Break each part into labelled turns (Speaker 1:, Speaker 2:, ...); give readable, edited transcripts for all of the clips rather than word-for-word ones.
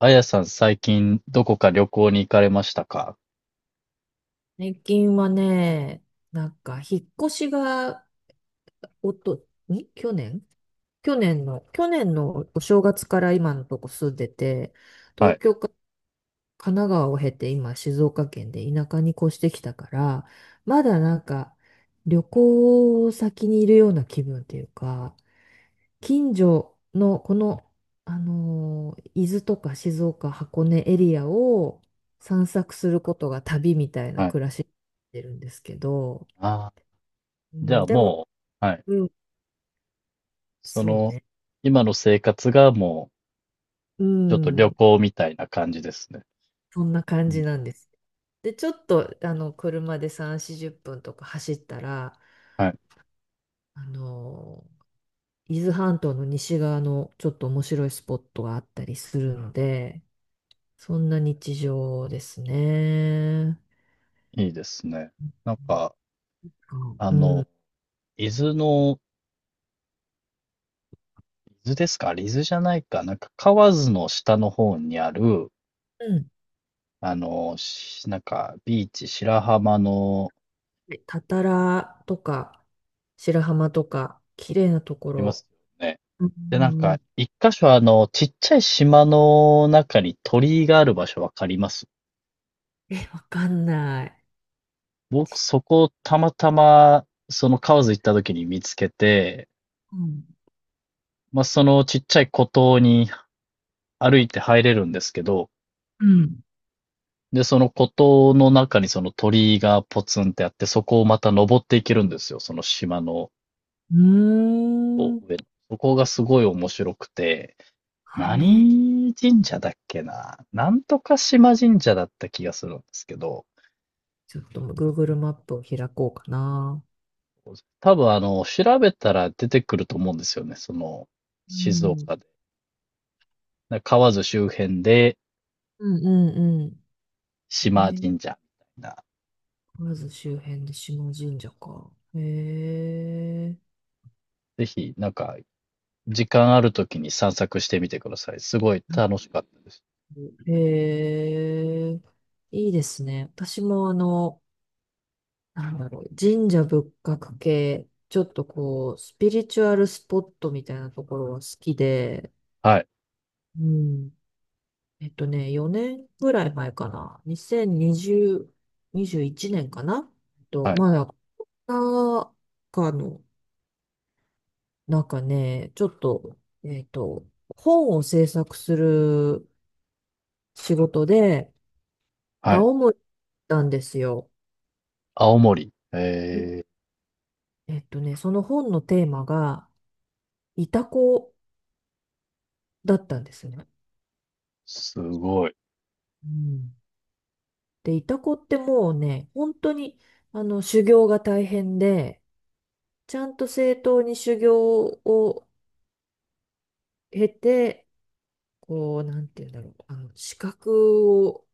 Speaker 1: あやさん、最近、どこか旅行に行かれましたか？
Speaker 2: 最近はね、なんか、引っ越しが、おと、ん去年のお正月から今のとこ住んでて、
Speaker 1: は
Speaker 2: 東
Speaker 1: い、
Speaker 2: 京か神奈川を経て今静岡県で田舎に越してきたから、まだなんか、旅行先にいるような気分というか、近所のこの、伊豆とか静岡、箱根エリアを散策することが旅みたいな
Speaker 1: はい。
Speaker 2: 暮らしになってるんですけど、
Speaker 1: ああ、
Speaker 2: う
Speaker 1: じゃ
Speaker 2: ん、
Speaker 1: あ
Speaker 2: でも、
Speaker 1: もう、はい。
Speaker 2: うん、
Speaker 1: そ
Speaker 2: そう
Speaker 1: の、
Speaker 2: ね。
Speaker 1: 今の生活がも
Speaker 2: う
Speaker 1: う、ちょっと旅
Speaker 2: ん、
Speaker 1: 行みたいな感じですね。
Speaker 2: そんな感
Speaker 1: うん。
Speaker 2: じなんです。で、ちょっと、車で3、40分とか走ったら、
Speaker 1: はい。
Speaker 2: あの、伊豆半島の西側のちょっと面白いスポットがあったりするので、そんな日常ですね。
Speaker 1: いいですね。なんか、あ
Speaker 2: う
Speaker 1: の、
Speaker 2: ん。
Speaker 1: 伊豆の、伊豆ですか？伊豆じゃないか。なんか、河津の下の方にある、
Speaker 2: うん。
Speaker 1: あの、なんか、ビーチ、白浜の、
Speaker 2: で、たたらとか、白浜とか、綺麗なと
Speaker 1: あ
Speaker 2: こ
Speaker 1: ります
Speaker 2: ろ。
Speaker 1: よね。
Speaker 2: うん、う
Speaker 1: で、なん
Speaker 2: ん、う
Speaker 1: か、
Speaker 2: ん。
Speaker 1: 一箇所あの、ちっちゃい島の中に鳥居がある場所わかります？
Speaker 2: え、わかんない。
Speaker 1: 僕、そこをたまたま、その河津行った時に見つけて、
Speaker 2: うん。
Speaker 1: まあ、そのちっちゃい孤島に歩いて入れるんですけど、
Speaker 2: うん、
Speaker 1: で、その孤島の中にその鳥居がポツンってあって、そこをまた登っていけるんですよ、その島の
Speaker 2: う
Speaker 1: こ
Speaker 2: ーん。
Speaker 1: う上の。そこがすごい面白くて、
Speaker 2: はい。
Speaker 1: 何神社だっけな、なんとか島神社だった気がするんですけど、
Speaker 2: ちょっと Google マップを開こうかな。
Speaker 1: 多分あの、調べたら出てくると思うんですよね。その、
Speaker 2: う
Speaker 1: 静
Speaker 2: ん。
Speaker 1: 岡で。河津周辺で、
Speaker 2: うん、うん、うん。
Speaker 1: 島神社みたいな。
Speaker 2: まず周辺で下神社か。へえ。
Speaker 1: ぜひ、なんか、時間あるときに散策してみてください。すごい楽しかったです。
Speaker 2: へえ。いいですね。私もなんだろう、神社仏閣系、ちょっとこう、スピリチュアルスポットみたいなところは好きで、
Speaker 1: はい、
Speaker 2: うん。4年ぐらい前かな。2020、21年かな。
Speaker 1: はい、
Speaker 2: まだ、なんかの、なんかね、ちょっと、えっと、本を制作する仕事で、
Speaker 1: はい。
Speaker 2: 青森に行ったんですよ。
Speaker 1: 青森。
Speaker 2: うん。
Speaker 1: えー、
Speaker 2: その本のテーマが、イタコだったんですね。
Speaker 1: すごい。
Speaker 2: うん。で、イタコってもうね、本当に、修行が大変で、ちゃんと正当に修行を経て、こう、なんて言うんだろう、資格を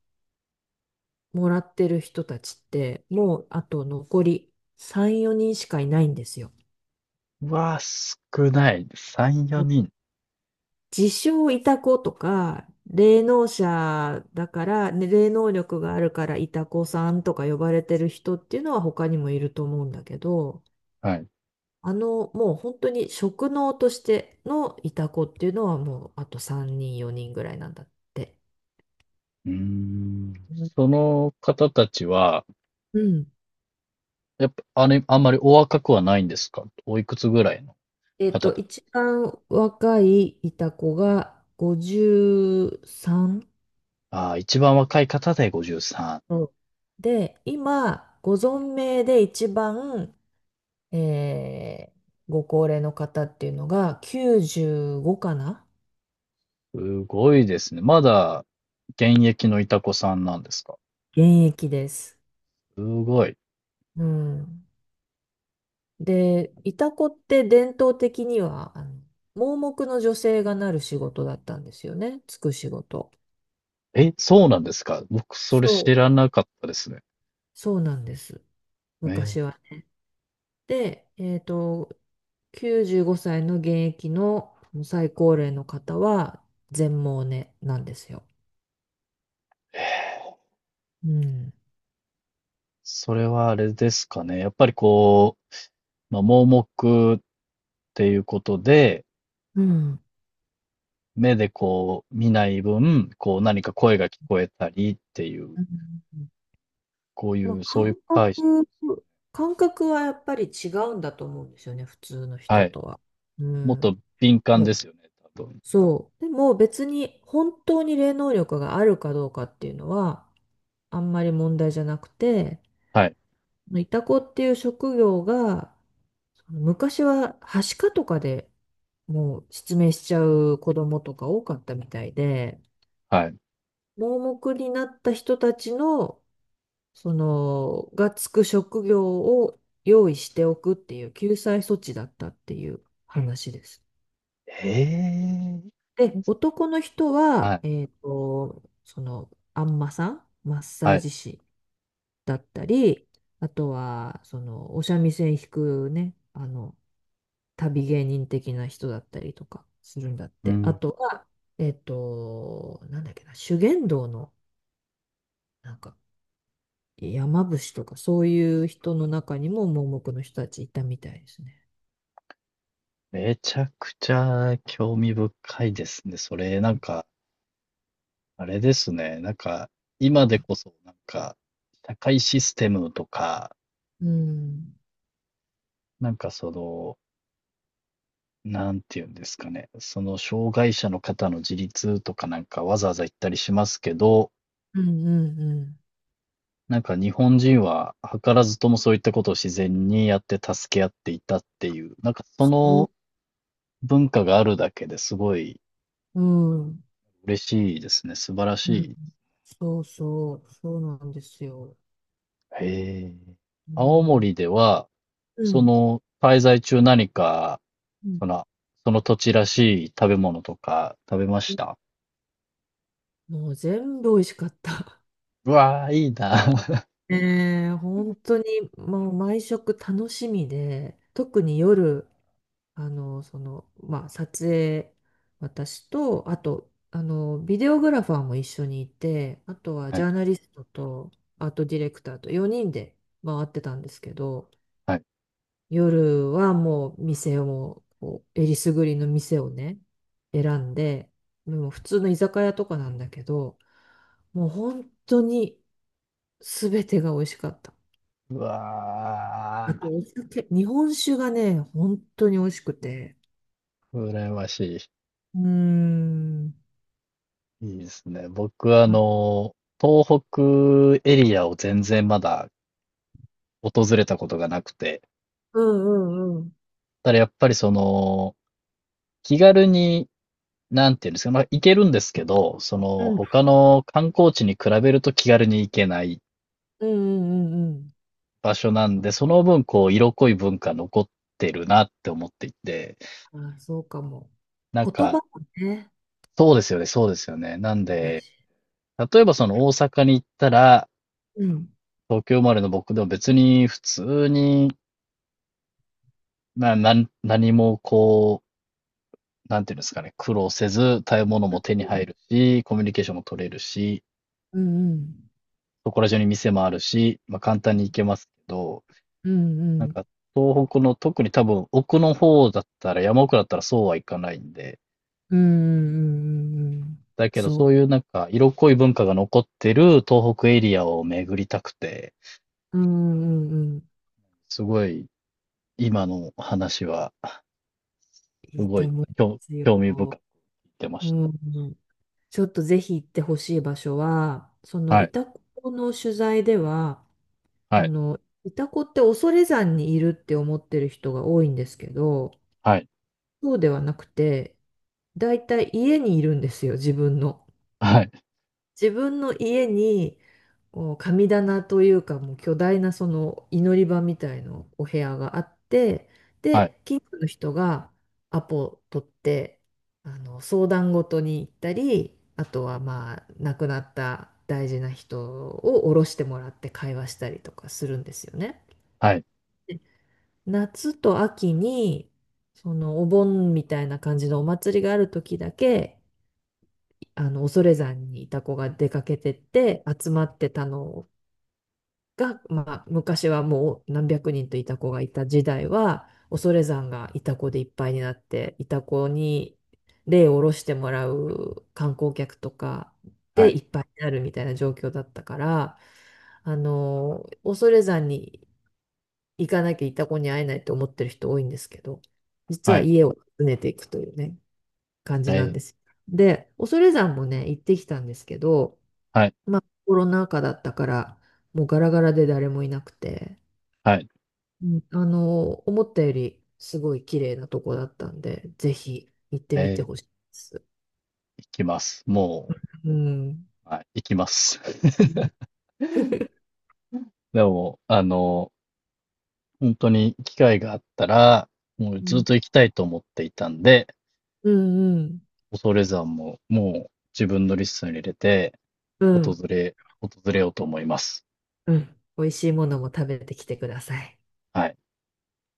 Speaker 2: もらってる人たちって、もうあと残り3、4人しかいないんですよ。
Speaker 1: うわー、少ない。3、4人。
Speaker 2: 自称イタコとか、霊能者だから、ね、霊能力があるからイタコさんとか呼ばれてる人っていうのは他にもいると思うんだけど、
Speaker 1: はい。う
Speaker 2: もう本当に職能としてのイタコっていうのはもうあと3人、4人ぐらいなんだって。
Speaker 1: ーん。
Speaker 2: うん。
Speaker 1: その方たちは、
Speaker 2: うん。
Speaker 1: やっぱ、あれ、あんまりお若くはないんですか？おいくつぐらいの方？
Speaker 2: 一番若いいた子が53う
Speaker 1: ああ、一番若い方で53。
Speaker 2: さん。で、今、ご存命で一番、えーご高齢の方っていうのが95かな。
Speaker 1: すごいですね。まだ現役のいたこさんなんですか？
Speaker 2: 現役です。
Speaker 1: すごい。
Speaker 2: うん。で、いた子って伝統的には、盲目の女性がなる仕事だったんですよね。つく仕事。
Speaker 1: え、そうなんですか？僕それ知
Speaker 2: そう、
Speaker 1: らなかったですね。
Speaker 2: そうなんです。
Speaker 1: えー。
Speaker 2: 昔は。で、95歳の現役の最高齢の方は全盲ねなんですよ。うん。
Speaker 1: それはあれですかね。やっぱりこう、まあ、盲目っていうことで、
Speaker 2: うん。
Speaker 1: 目でこう見ない分、こう何か声が聞こえたりっていう、
Speaker 2: うん、
Speaker 1: こうい
Speaker 2: まあ、
Speaker 1: う、そういう解釈。
Speaker 2: 感覚はやっぱり違うんだと思うんですよね、普通の
Speaker 1: は
Speaker 2: 人
Speaker 1: い。
Speaker 2: とは。う
Speaker 1: もっと
Speaker 2: ん。
Speaker 1: 敏感
Speaker 2: うん、
Speaker 1: ですよね、多分。
Speaker 2: そう。でも別に本当に霊能力があるかどうかっていうのはあんまり問題じゃなくて、
Speaker 1: はい、
Speaker 2: いたこっていう職業が昔は、はしかとかでもう失明しちゃう子供とか多かったみたいで、
Speaker 1: はい。
Speaker 2: 盲目になった人たちの、その、がつく職業を用意しておくっていう救済措置だったっていう話です。
Speaker 1: へえ。
Speaker 2: で、男の人
Speaker 1: は
Speaker 2: は、
Speaker 1: い、
Speaker 2: その、あんまさん、マッサ
Speaker 1: は
Speaker 2: ー
Speaker 1: い。
Speaker 2: ジ師だったり、あとは、その、お三味線弾くね、旅芸人的な人だったりとかするんだっ
Speaker 1: う
Speaker 2: て。あ
Speaker 1: ん、
Speaker 2: とは、なんだっけな、修験道の、なんか、山伏とか、そういう人の中にも盲目の人たちいたみたいですね。
Speaker 1: めちゃくちゃ興味深いですね。それ、なんか、あれですね。なんか、今でこそ、なんか、社会システムとか、
Speaker 2: うん。
Speaker 1: なんかその、なんていうんですかね。その、障害者の方の自立とかなんかわざわざ言ったりしますけど、
Speaker 2: うん、うん、うん。
Speaker 1: なんか日本人は図らずともそういったことを自然にやって助け合っていたっていう、なんかそ
Speaker 2: そ
Speaker 1: の文化があるだけですごい
Speaker 2: う、うん。
Speaker 1: 嬉しいですね。素晴らし
Speaker 2: うん、
Speaker 1: い。
Speaker 2: そうそう、そうなんですよ。
Speaker 1: へえ。
Speaker 2: う
Speaker 1: 青
Speaker 2: ん。
Speaker 1: 森では、
Speaker 2: う
Speaker 1: そ
Speaker 2: ん。
Speaker 1: の、滞在中何か、
Speaker 2: うん、
Speaker 1: その、その土地らしい食べ物とか食べました？
Speaker 2: もう全部美味しかった。
Speaker 1: うわー、いいな。
Speaker 2: ねえ、本当にもう毎食楽しみで、特に夜、撮影、私と、あと、ビデオグラファーも一緒にいて、あとは
Speaker 1: は
Speaker 2: ジ
Speaker 1: い、
Speaker 2: ャーナリストと、アートディレクターと4人で回ってたんですけど、
Speaker 1: はい。
Speaker 2: 夜はもう店を、こうえりすぐりの店をね、選んで、もう普通の居酒屋とかなんだけど、もう本当に全てが美味しかった。
Speaker 1: う
Speaker 2: あ
Speaker 1: わ
Speaker 2: とお酒、日本酒がね、本当に美味しくて、
Speaker 1: ー、羨まし
Speaker 2: うーん。
Speaker 1: い。いいですね。僕、あの、東北エリアを全然まだ訪れたことがなくて、
Speaker 2: うん、うん、うん。
Speaker 1: ただやっぱりその、気軽に、なんていうんですか、まあ、行けるんですけど、そ
Speaker 2: う
Speaker 1: の、
Speaker 2: ん、
Speaker 1: 他の観光地に比べると気軽に行けない
Speaker 2: うん、うん、うん、
Speaker 1: 場所なんで、その分、こう、色濃い文化残ってるなって思っていて、
Speaker 2: うん、あ、そうかも。
Speaker 1: なん
Speaker 2: 言葉
Speaker 1: か、
Speaker 2: もね。
Speaker 1: そうですよね、そうですよね。なん
Speaker 2: だ
Speaker 1: で、
Speaker 2: し。
Speaker 1: 例えばその大阪に行ったら、
Speaker 2: うん、
Speaker 1: 東京生まれの僕でも別に普通に、な、なん何もこう、なんていうんですかね、苦労せず、食べ物も手に
Speaker 2: う
Speaker 1: 入
Speaker 2: ん、
Speaker 1: るし、コミュニケーションも取れるし、
Speaker 2: うん、
Speaker 1: そこら中に店もあるし、まあ簡単に行けますけど、
Speaker 2: うん、
Speaker 1: なん
Speaker 2: うん、
Speaker 1: か東北の特に多分奥の方だったら、山奥だったらそうはいかないんで、
Speaker 2: うん、うん、うん、うん、うん、
Speaker 1: だけど、そ
Speaker 2: そ
Speaker 1: ういうなんか、色濃い文化が残ってる東北エリアを巡りたくて、
Speaker 2: う、うん、うん、うん、
Speaker 1: すごい、今の話は、す
Speaker 2: いい
Speaker 1: ご
Speaker 2: と
Speaker 1: い、
Speaker 2: 思いま
Speaker 1: 興
Speaker 2: すよ。
Speaker 1: 興味深く聞てま
Speaker 2: う
Speaker 1: し
Speaker 2: ん、うん、ちょっとぜひ行ってほしい場所はそ
Speaker 1: た。
Speaker 2: の
Speaker 1: は
Speaker 2: イ
Speaker 1: い、
Speaker 2: タコの取材では、
Speaker 1: は
Speaker 2: あ
Speaker 1: い、
Speaker 2: のイタコって恐山にいるって思ってる人が多いんですけど、
Speaker 1: はい、
Speaker 2: そうではなくて、だいたい家にいるんですよ、自分の。
Speaker 1: はい、
Speaker 2: 自分の家に、こう神棚というか、もう巨大なその祈り場みたいなお部屋があって、
Speaker 1: はい、
Speaker 2: で、近所の人がアポ取って、相談事に行ったり、あとはまあ、亡くなった大事な人を降ろしてもらって会話したりとかするんですよね。
Speaker 1: はい、
Speaker 2: 夏と秋に、そのお盆みたいな感じのお祭りがある時だけ、恐山にいた子が出かけてって集まってたのが、まあ、昔はもう何百人といた子がいた時代は、恐山がいた子でいっぱいになって、いた子に霊を下ろしてもらう観光客とかでいっぱいになるみたいな状況だったから、恐山に行かなきゃいた子に会えないと思ってる人多いんですけど、実
Speaker 1: はい、
Speaker 2: は
Speaker 1: はい、
Speaker 2: 家を訪ねていくというね、感
Speaker 1: え
Speaker 2: じなん
Speaker 1: ー、
Speaker 2: ですよ。で、恐山もね、行ってきたんですけど、
Speaker 1: はい、
Speaker 2: まあ、コロナ禍だったから、もうガラガラで誰もいなくて、
Speaker 1: はい、
Speaker 2: うん、思ったよりすごい綺麗なとこだったんで、ぜひ行って
Speaker 1: え
Speaker 2: みて
Speaker 1: ー、
Speaker 2: ほしいです。
Speaker 1: 行きます。も
Speaker 2: うん。
Speaker 1: う、はい、行きます。
Speaker 2: うん。
Speaker 1: でも、あの、本当に機会があったら、もう
Speaker 2: う
Speaker 1: ずっ
Speaker 2: ん、
Speaker 1: と行きたいと思っていたんで、
Speaker 2: うん。
Speaker 1: 恐山ももう自分のリストに入れて、
Speaker 2: う
Speaker 1: 訪
Speaker 2: ん。
Speaker 1: れ、訪れようと思います。
Speaker 2: うん、美味しいものも食べてきてください。
Speaker 1: はい。